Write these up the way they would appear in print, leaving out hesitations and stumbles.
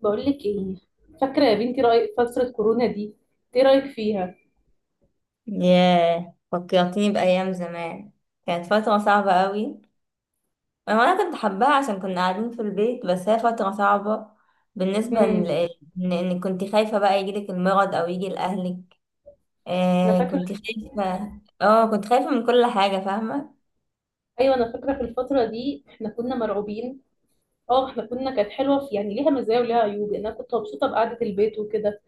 بقول لك ايه، فاكره يا بنتي رأي فتره كورونا دي؟ ايه رايك فيها؟ ياه فكرتيني بأيام زمان. كانت فترة صعبة قوي. أنا كنت حباها عشان كنا قاعدين في البيت، بس هي فترة صعبة بالنسبة ل- امم إنك كنت خايفة بقى يجيلك المرض أو يجي لأهلك. انا آه فاكره. كنت خايفة. اه كنت خايفة من كل حاجة. ايوه انا فاكره في الفتره دي احنا كنا مرعوبين. اه احنا كانت حلوه، في يعني ليها مزايا وليها عيوب يعني. انا كنت مبسوطه بقعده البيت وكده،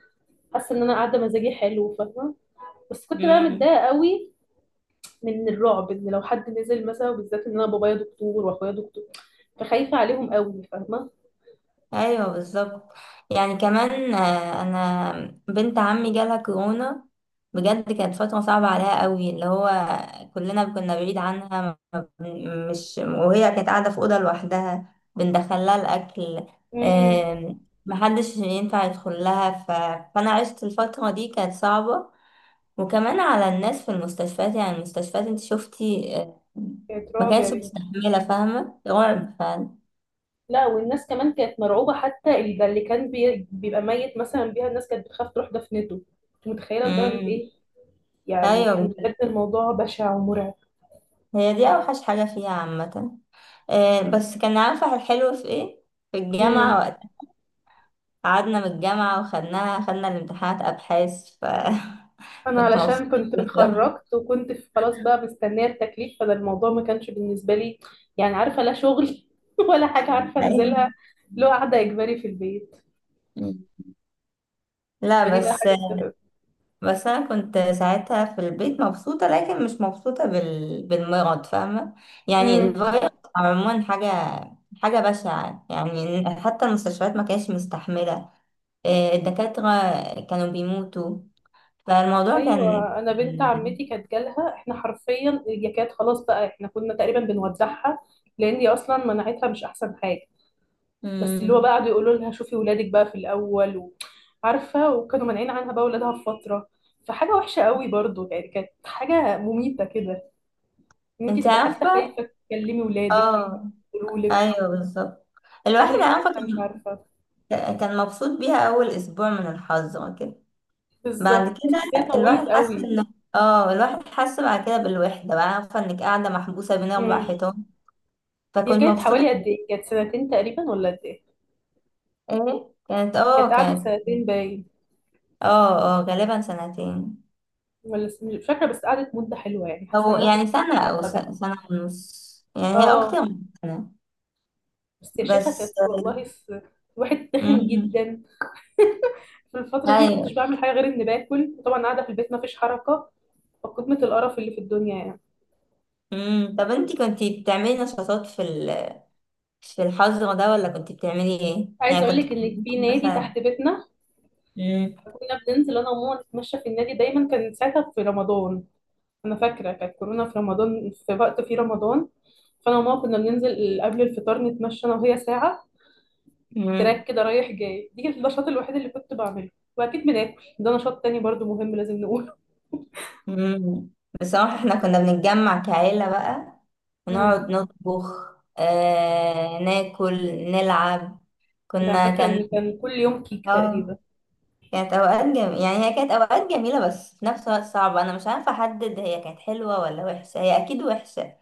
حاسه ان انا قاعده مزاجي حلو، فاهمه؟ بس كنت بقى فاهمة؟ متضايقه قوي من الرعب ان لو حد نزل مثلا، وبالذات ان انا بابايا دكتور واخويا دكتور، فخايفه عليهم قوي، فاهمه؟ ايوه بالظبط. يعني كمان انا بنت عمي جالها كورونا. بجد كانت فترة صعبة عليها قوي، اللي هو كلنا كنا بعيد عنها. ما بن- مش، وهي كانت قاعدة في أوضة لوحدها، بندخلها الأكل. امم محدش ينفع يدخل لها فأنا عشت الفترة دي، كانت صعبة. وكمان على الناس في المستشفيات، يعني المستشفيات انت شفتي، كانت ما رعب يا كانتش بنتي. مستحملة. فاهمة، رعب فعلا. لا والناس كمان كانت مرعوبة، حتى ده اللي كان بيبقى ميت مثلا بيها الناس كانت بتخاف تروح دفنته. انت متخيلة لدرجة مم. ايه؟ يعني كان ايوه، بجد الموضوع بشع ومرعب. هي دي أوحش حاجة فيها عامة. بس كان عارفة الحلو في ايه؟ في امم الجامعة وقت قعدنا من الجامعة، وخدناها، خدنا الامتحانات أبحاث ف انا كنت علشان مبسوطة. كنت اتخرجت وكنت خلاص بقى مستنية التكليف، فده الموضوع ما كانش بالنسبة لي يعني، عارفة؟ لا شغل ولا حاجة عارفة انزلها، أيوة. لو قاعدة اجباري في البيت. لا فدي بقى بس، حاجة مستفزة. بس أنا كنت ساعتها في البيت مبسوطة، لكن مش مبسوطة بالمرض، فاهمة؟ يعني الفيروس عموما حاجة بشعة. يعني حتى المستشفيات ما كانتش مستحملة. الدكاترة كانوا بيموتوا، فالموضوع كان، ايوه انا بنت عمتي كانت جالها، احنا حرفيا اليكات خلاص بقى، احنا كنا تقريبا بنودعها، لان هي اصلا مناعتها مش احسن حاجه. بس اللي هو بقى امم، قعدوا يقولوا لها شوفي ولادك بقى في الاول و، عارفه؟ وكانوا مانعين عنها بقى ولادها في فتره. فحاجه وحشه قوي برضو يعني، كانت حاجه مميته كده، ان انت انت تبقى حتى عارفة، خايفه تكلمي ولادك، خايفه اه، يقولوا لك ايوه بالظبط. الواحد اهلك عارفة حتى مش كان، عارفه. كان مبسوط بيها اول اسبوع من الحظ كده. بعد بالظبط، كده بس هي الواحد طولت حس قوي. ان، اه الواحد حس بعد كده بالوحدة، بقى عارفة انك قاعدة محبوسة بين اربع امم حيطان، هي فكنت كانت مبسوطة. حوالي قد ايه؟ كانت سنتين تقريبا ولا قد ايه؟ ايه، كانت، كانت اه قعدت كانت سنتين باين. اه غالبا سنتين. مش فاكرة، بس قعدت مدة حلوة يعني، حاسة او ان انا كنت يعني سنة او فاكرة ده. سنة ونص. يعني هي اكتر اه من سنة بس يا شيخة كانت بس. والله الواحد تخن امم. جدا. في الفترة دي ما كنتش ايوه. بعمل حاجة غير اني باكل، وطبعا قاعدة في البيت ما فيش حركة، فقمة القرف اللي في الدنيا يعني. امم. طب انتي كنتي بتعملي نشاطات في الحظر ده، ولا كنتي بتعملي ايه؟ عايزة يعني اقول كنت لك ان بتدرسي في نادي مثلا؟ تحت بيتنا، امم. كنا بننزل انا وماما نتمشى في النادي. دايما كان ساعتها في رمضان، انا فاكرة كانت كورونا في رمضان، في وقت في رمضان. فانا وماما كنا بننزل قبل الفطار نتمشى انا وهي ساعة، تراك امم. كده رايح جاي. دي كانت النشاط الوحيد اللي كنت بعمله. واكيد بناكل، ده نشاط تاني برضو مهم لازم نقوله. امم. بصراحة احنا كنا بنتجمع كعيلة بقى، امم ونقعد نطبخ، ناكل، نلعب، ده كنا فاكره كان، ان كان كل يوم كيك اه تقريبا. كانت اوقات جميلة. يعني هي كانت اوقات جميلة، بس في نفس الوقت صعبة. انا مش عارفة احدد هي كانت حلوة ولا وحشة. هي اكيد وحشة،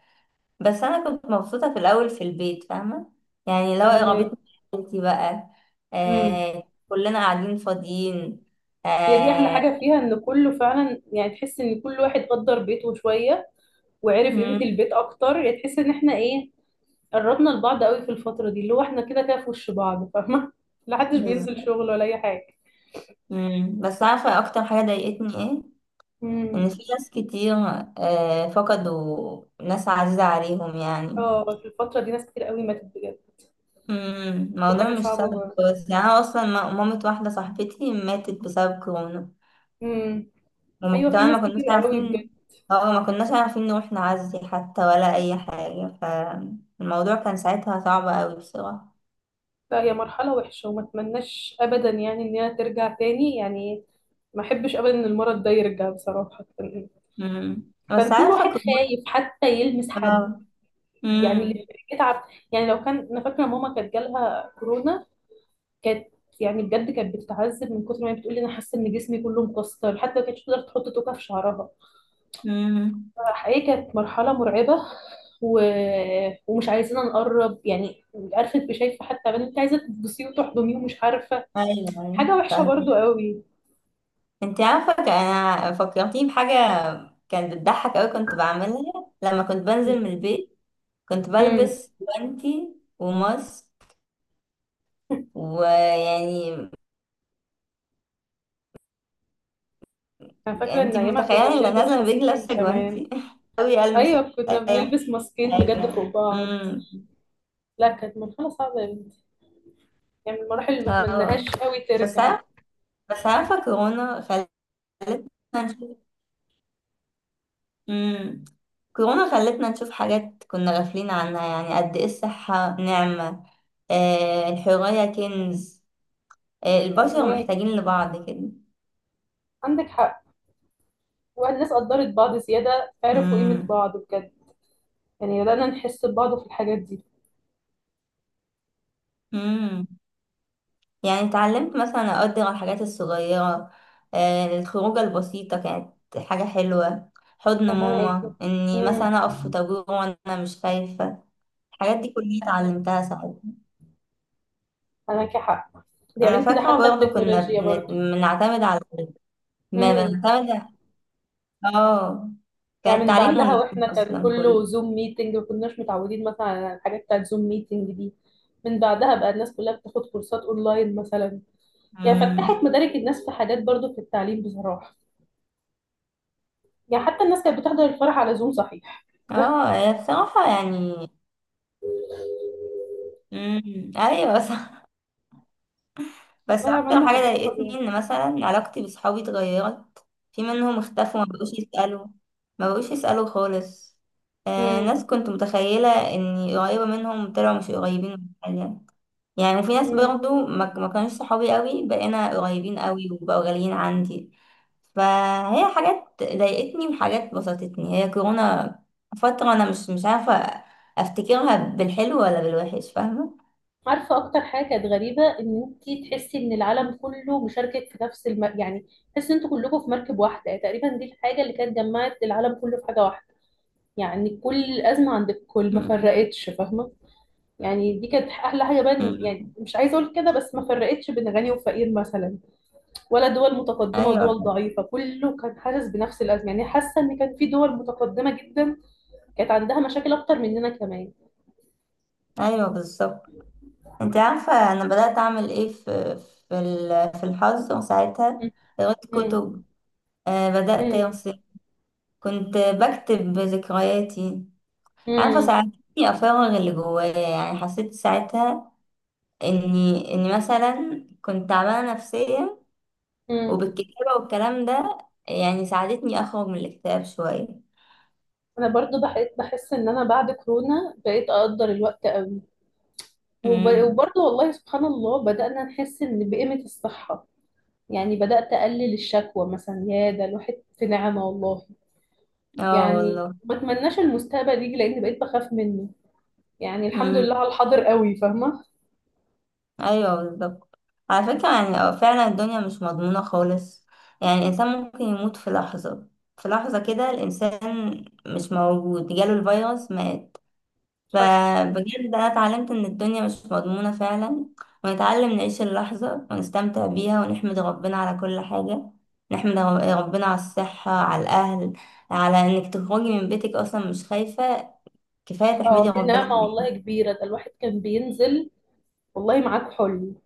بس انا كنت مبسوطه في الاول في البيت، فاهمه؟ يعني لو فاهمك. قربتني عيلتي بقى، امم آه، كلنا قاعدين فاضيين، هي دي احلى آه. حاجه فيها، ان كله فعلا يعني تحس ان كل واحد قدر بيته شويه وعرف قيمه مم، البيت اكتر يعني. تحس ان احنا ايه، قربنا لبعض قوي في الفتره دي، اللي هو احنا كده كده في وش بعض، فاهمه؟ لا حدش بينزل بالظبط. شغل ولا اي حاجه. مم. بس عارفه اكتر حاجه ضايقتني ايه؟ امم ان في ناس كتير آه فقدوا ناس عزيزه عليهم يعني. اه في الفتره دي ناس كتير قوي ماتت بجد. مم، دي الموضوع حاجه مش صعبه سهل. برضه. بس يعني انا اصلا، مامة واحده صاحبتي ماتت بسبب كورونا. امم وما ايوه في كمان ناس ما كناش كتير قوي بجد. عارفين. اه ما كناش عارفين نروح نعزي، حتى ولا أي حاجة. فالموضوع كان ساعتها صعب أوي بصراحة. لا هي مرحلة وحشة وما اتمناش ابدا يعني ان هي ترجع تاني يعني. ما احبش ابدا ان المرض ده يرجع بصراحة. كان مم. بس كان كل واحد عارفة كنت، خايف حتى يلمس حد. اه. يعني مم. اللي بيتعب، يعني لو كان انا فاكرة ماما كانت جالها كورونا. كانت يعني بجد كانت بتتعذب من كتر ما هي بتقول لي انا حاسة ان جسمي كله مكسر، حتى ما كانتش تقدر تحط توكة في شعرها. مم. حقيقي كانت مرحلة مرعبة، و... ومش عايزين نقرب يعني، عارفه؟ انت شايفه حتى بنت عايزه تبصي وتحضنيه ومش عارفه. أيوه أيوه. حاجه وحشه برضو فاهمة. قوي. انت عارفة، أنا فكرتيني بحاجة كانت بتضحك أوي، كنت بعملها لما كنت بنزل من البيت. كنت امم بلبس جوانتي وماسك، ويعني، انا فاكره ان انت ايامها متخيلة كنا إن انا بنلبس نازلة من البيت ماسكين لابسة كمان. جوانتي أوي ألمس ايوه كنا بنلبس ماسكين بجد حاجة. فوق بعض. امم. لا كانت مرحله صعبه يا بنتي، يعني من المراحل اللي ما اتمناهاش اه. قوي بس ترجع. عارف، بس عارفة كورونا خلتنا نشوف، امم، كورونا خلتنا نشوف حاجات كنا غافلين عنها. يعني قد ايه الصحة نعمة، آه الحرية كنز، آه البشر فاهمه؟ محتاجين لبعض كده. عندك حق. والناس قدرت بعض زياده، عرفوا قيمه امم. بعض بجد. يعني بدانا نحس ببعض في الحاجات دي، امم. يعني اتعلمت مثلا اقدر الحاجات الصغيرة. آه الخروجة البسيطة كانت حاجة حلوة. حضن فاهمه؟ ماما، اني امم مثلا اقف في طابور وانا مش خايفة، الحاجات دي كلها اتعلمتها ساعتها. انا حق. دي يا انا بنتي ده فاكره حتى برضه كنا التكنولوجيا بنعتمد على، ما برضه. بنعتمد، اه كان يعني من التعليم بعدها اونلاين واحنا كان اصلا كله. كله زوم ميتنج، ما كناش متعودين مثلا على الحاجات بتاعت زوم ميتنج دي. من بعدها بقى الناس كلها بتاخد كورسات اونلاين مثلا. يعني فتحت امم. مدارك الناس في حاجات برضو في التعليم بصراحة. يعني حتى الناس كانت بتحضر الفرح على زوم صحيح. اه هي بصراحه يعني، امم، ايوه صح. بس والله عملنا اكتر حاجه حاجات ضايقتني فظيعة. ان مثلا علاقتي بصحابي اتغيرت. في منهم اختفوا، ما بقوش يسالوا، ما بقوش يسالوا خالص. آه امم ناس كنت متخيله اني قريبه منهم طلعوا مش قريبين من حاجه. يعني في ناس امم برضو ما كانوش صحابي قوي، بقينا قريبين قوي وبقوا غاليين عندي. فهي حاجات ضايقتني وحاجات بسطتني، هي كورونا فترة أنا مش عارفة أفتكرها بالحلو ولا بالوحش، فاهمة؟ عارفة أكتر حاجة كانت غريبة؟ إن أنت تحسي إن العالم كله مشاركك في نفس يعني تحسي إن أنتوا كلكم في مركب واحدة يعني تقريبا. دي الحاجة اللي كانت جمعت العالم كله في حاجة واحدة. يعني كل الأزمة عند الكل ما مم. فرقتش، فاهمة؟ يعني دي كانت أحلى حاجة بقى، مم. يعني مش عايزة أقول كده، بس ما فرقتش بين غني وفقير مثلا، ولا دول متقدمة ودول أيوه ضعيفة. كله كان حاسس بنفس الأزمة. يعني حاسة إن كان في دول متقدمة جدا كانت عندها مشاكل أكتر مننا كمان. أيوه بالظبط. أنت عارفة أنا بدأت أعمل إيه في في الحظ ساعتها؟ م- قريت م- كتب، بدأت م- أرسم، كنت بكتب ذكرياتي. عارفة، م- ساعدتني أفرغ اللي جوايا. يعني حسيت ساعتها إني مثلا كنت تعبانة نفسيا، م. وبالكتابة والكلام ده يعني ساعدتني أخرج من الاكتئاب شوية. أنا برضو بحس إن أنا بعد كورونا بقيت أقدر الوقت قوي. امم. وبرضو والله سبحان الله بدأنا نحس إن بقيمة الصحة. يعني بدأت أقلل الشكوى مثلا، يا ده الواحد في نعمة والله. اه يعني والله. ما اتمناش المستقبل يجي لأن بقيت بخاف منه. يعني الحمد امم. لله على الحاضر قوي، فاهمة؟ أيوه بالظبط. على فكرة يعني، فعلا الدنيا مش مضمونة خالص. يعني الإنسان ممكن يموت في لحظة، في لحظة كده الإنسان مش موجود، جاله الفيروس مات. حصل. فبجد أنا اتعلمت إن الدنيا مش مضمونة فعلا، ونتعلم نعيش اللحظة ونستمتع بيها ونحمد ربنا على كل حاجة. نحمد ربنا على الصحة، على الأهل، على إنك تخرجي من بيتك أصلا مش خايفة، كفاية تحمدي اه دي ربنا نعمة عليها. والله كبيرة. ده الواحد كان بينزل والله معاك حلم،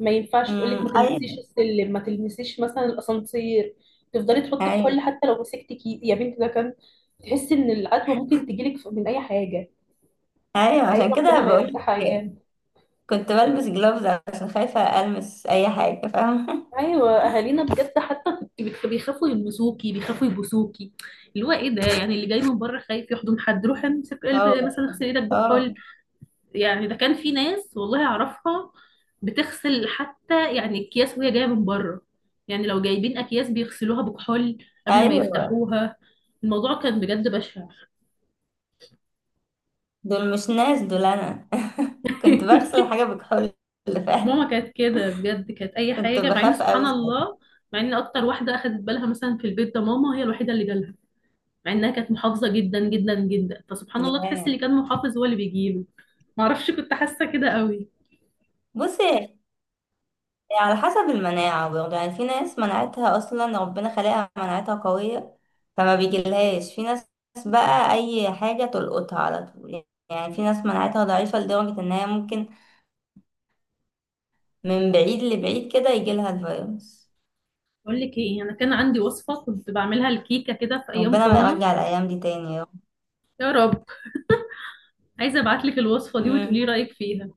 ما ينفعش تقولك ما تلمسيش أيوة السلم، ما تلمسيش مثلا الأسانسير، تفضلي تحطك أيوة. حل. حتى لو مسكتك ايدي يا بنت ده كان تحسي ان العدوى ممكن تجيلك من اي حاجة. أيوة حقيقي عشان كده ربنا ما بقولك يرجعها ايام. كنت بلبس جلوفز عشان خايفة ألمس أي حاجة، فاهمة؟ ايوه اهالينا بجد حتى بيخافوا يلمسوكي، بيخافوا يبوسوكي. اللي هو ايه ده؟ يعني اللي جاي من بره خايف يحضن حد، روح امسك اه قلب مثلا والله. اغسل ايدك اه. بكحول. يعني ده كان في ناس والله اعرفها بتغسل حتى يعني اكياس وهي جايه من بره. يعني لو جايبين اكياس بيغسلوها بكحول قبل ما أيوة. يفتحوها. الموضوع كان بجد بشع. دول مش ناس، دول أنا. كنت بغسل حاجة بكحول ماما فعلا. كانت كده بجد، كانت اي كنت حاجه، مع ان بخاف سبحان قوي ساعتها. الله. مع ان اكتر واحده اخدت بالها مثلا في البيت ده ماما، هي الوحيده اللي جالها. مع انها كانت محافظه جدا جدا جدا. فسبحان الله تحس اللي ياه. كان محافظ هو اللي بيجيله. ما اعرفش، كنت حاسه كده قوي. بصي، على حسب المناعة برضه. يعني في ناس مناعتها أصلا ربنا خلقها مناعتها قوية فما بيجيلهاش. في ناس بقى أي حاجة تلقطها على طول. يعني في ناس مناعتها ضعيفة لدرجة إن هي ممكن من بعيد لبعيد كده يجيلها الفيروس. اقول لك ايه، انا كان عندي وصفه كنت بعملها، الكيكه كده في ايام ربنا ما كورونا. يرجع الأيام دي تاني يا رب. يا رب. عايزه ابعت لك الوصفه دي وتقولي مم. رايك فيها.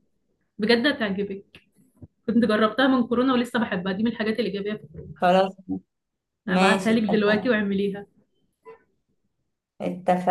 بجد هتعجبك. كنت جربتها من كورونا ولسه بحبها، دي من الحاجات الايجابيه. خلاص، ابعتها ماشي لك دلوقتي اتفقنا. واعمليها. اتفقنا.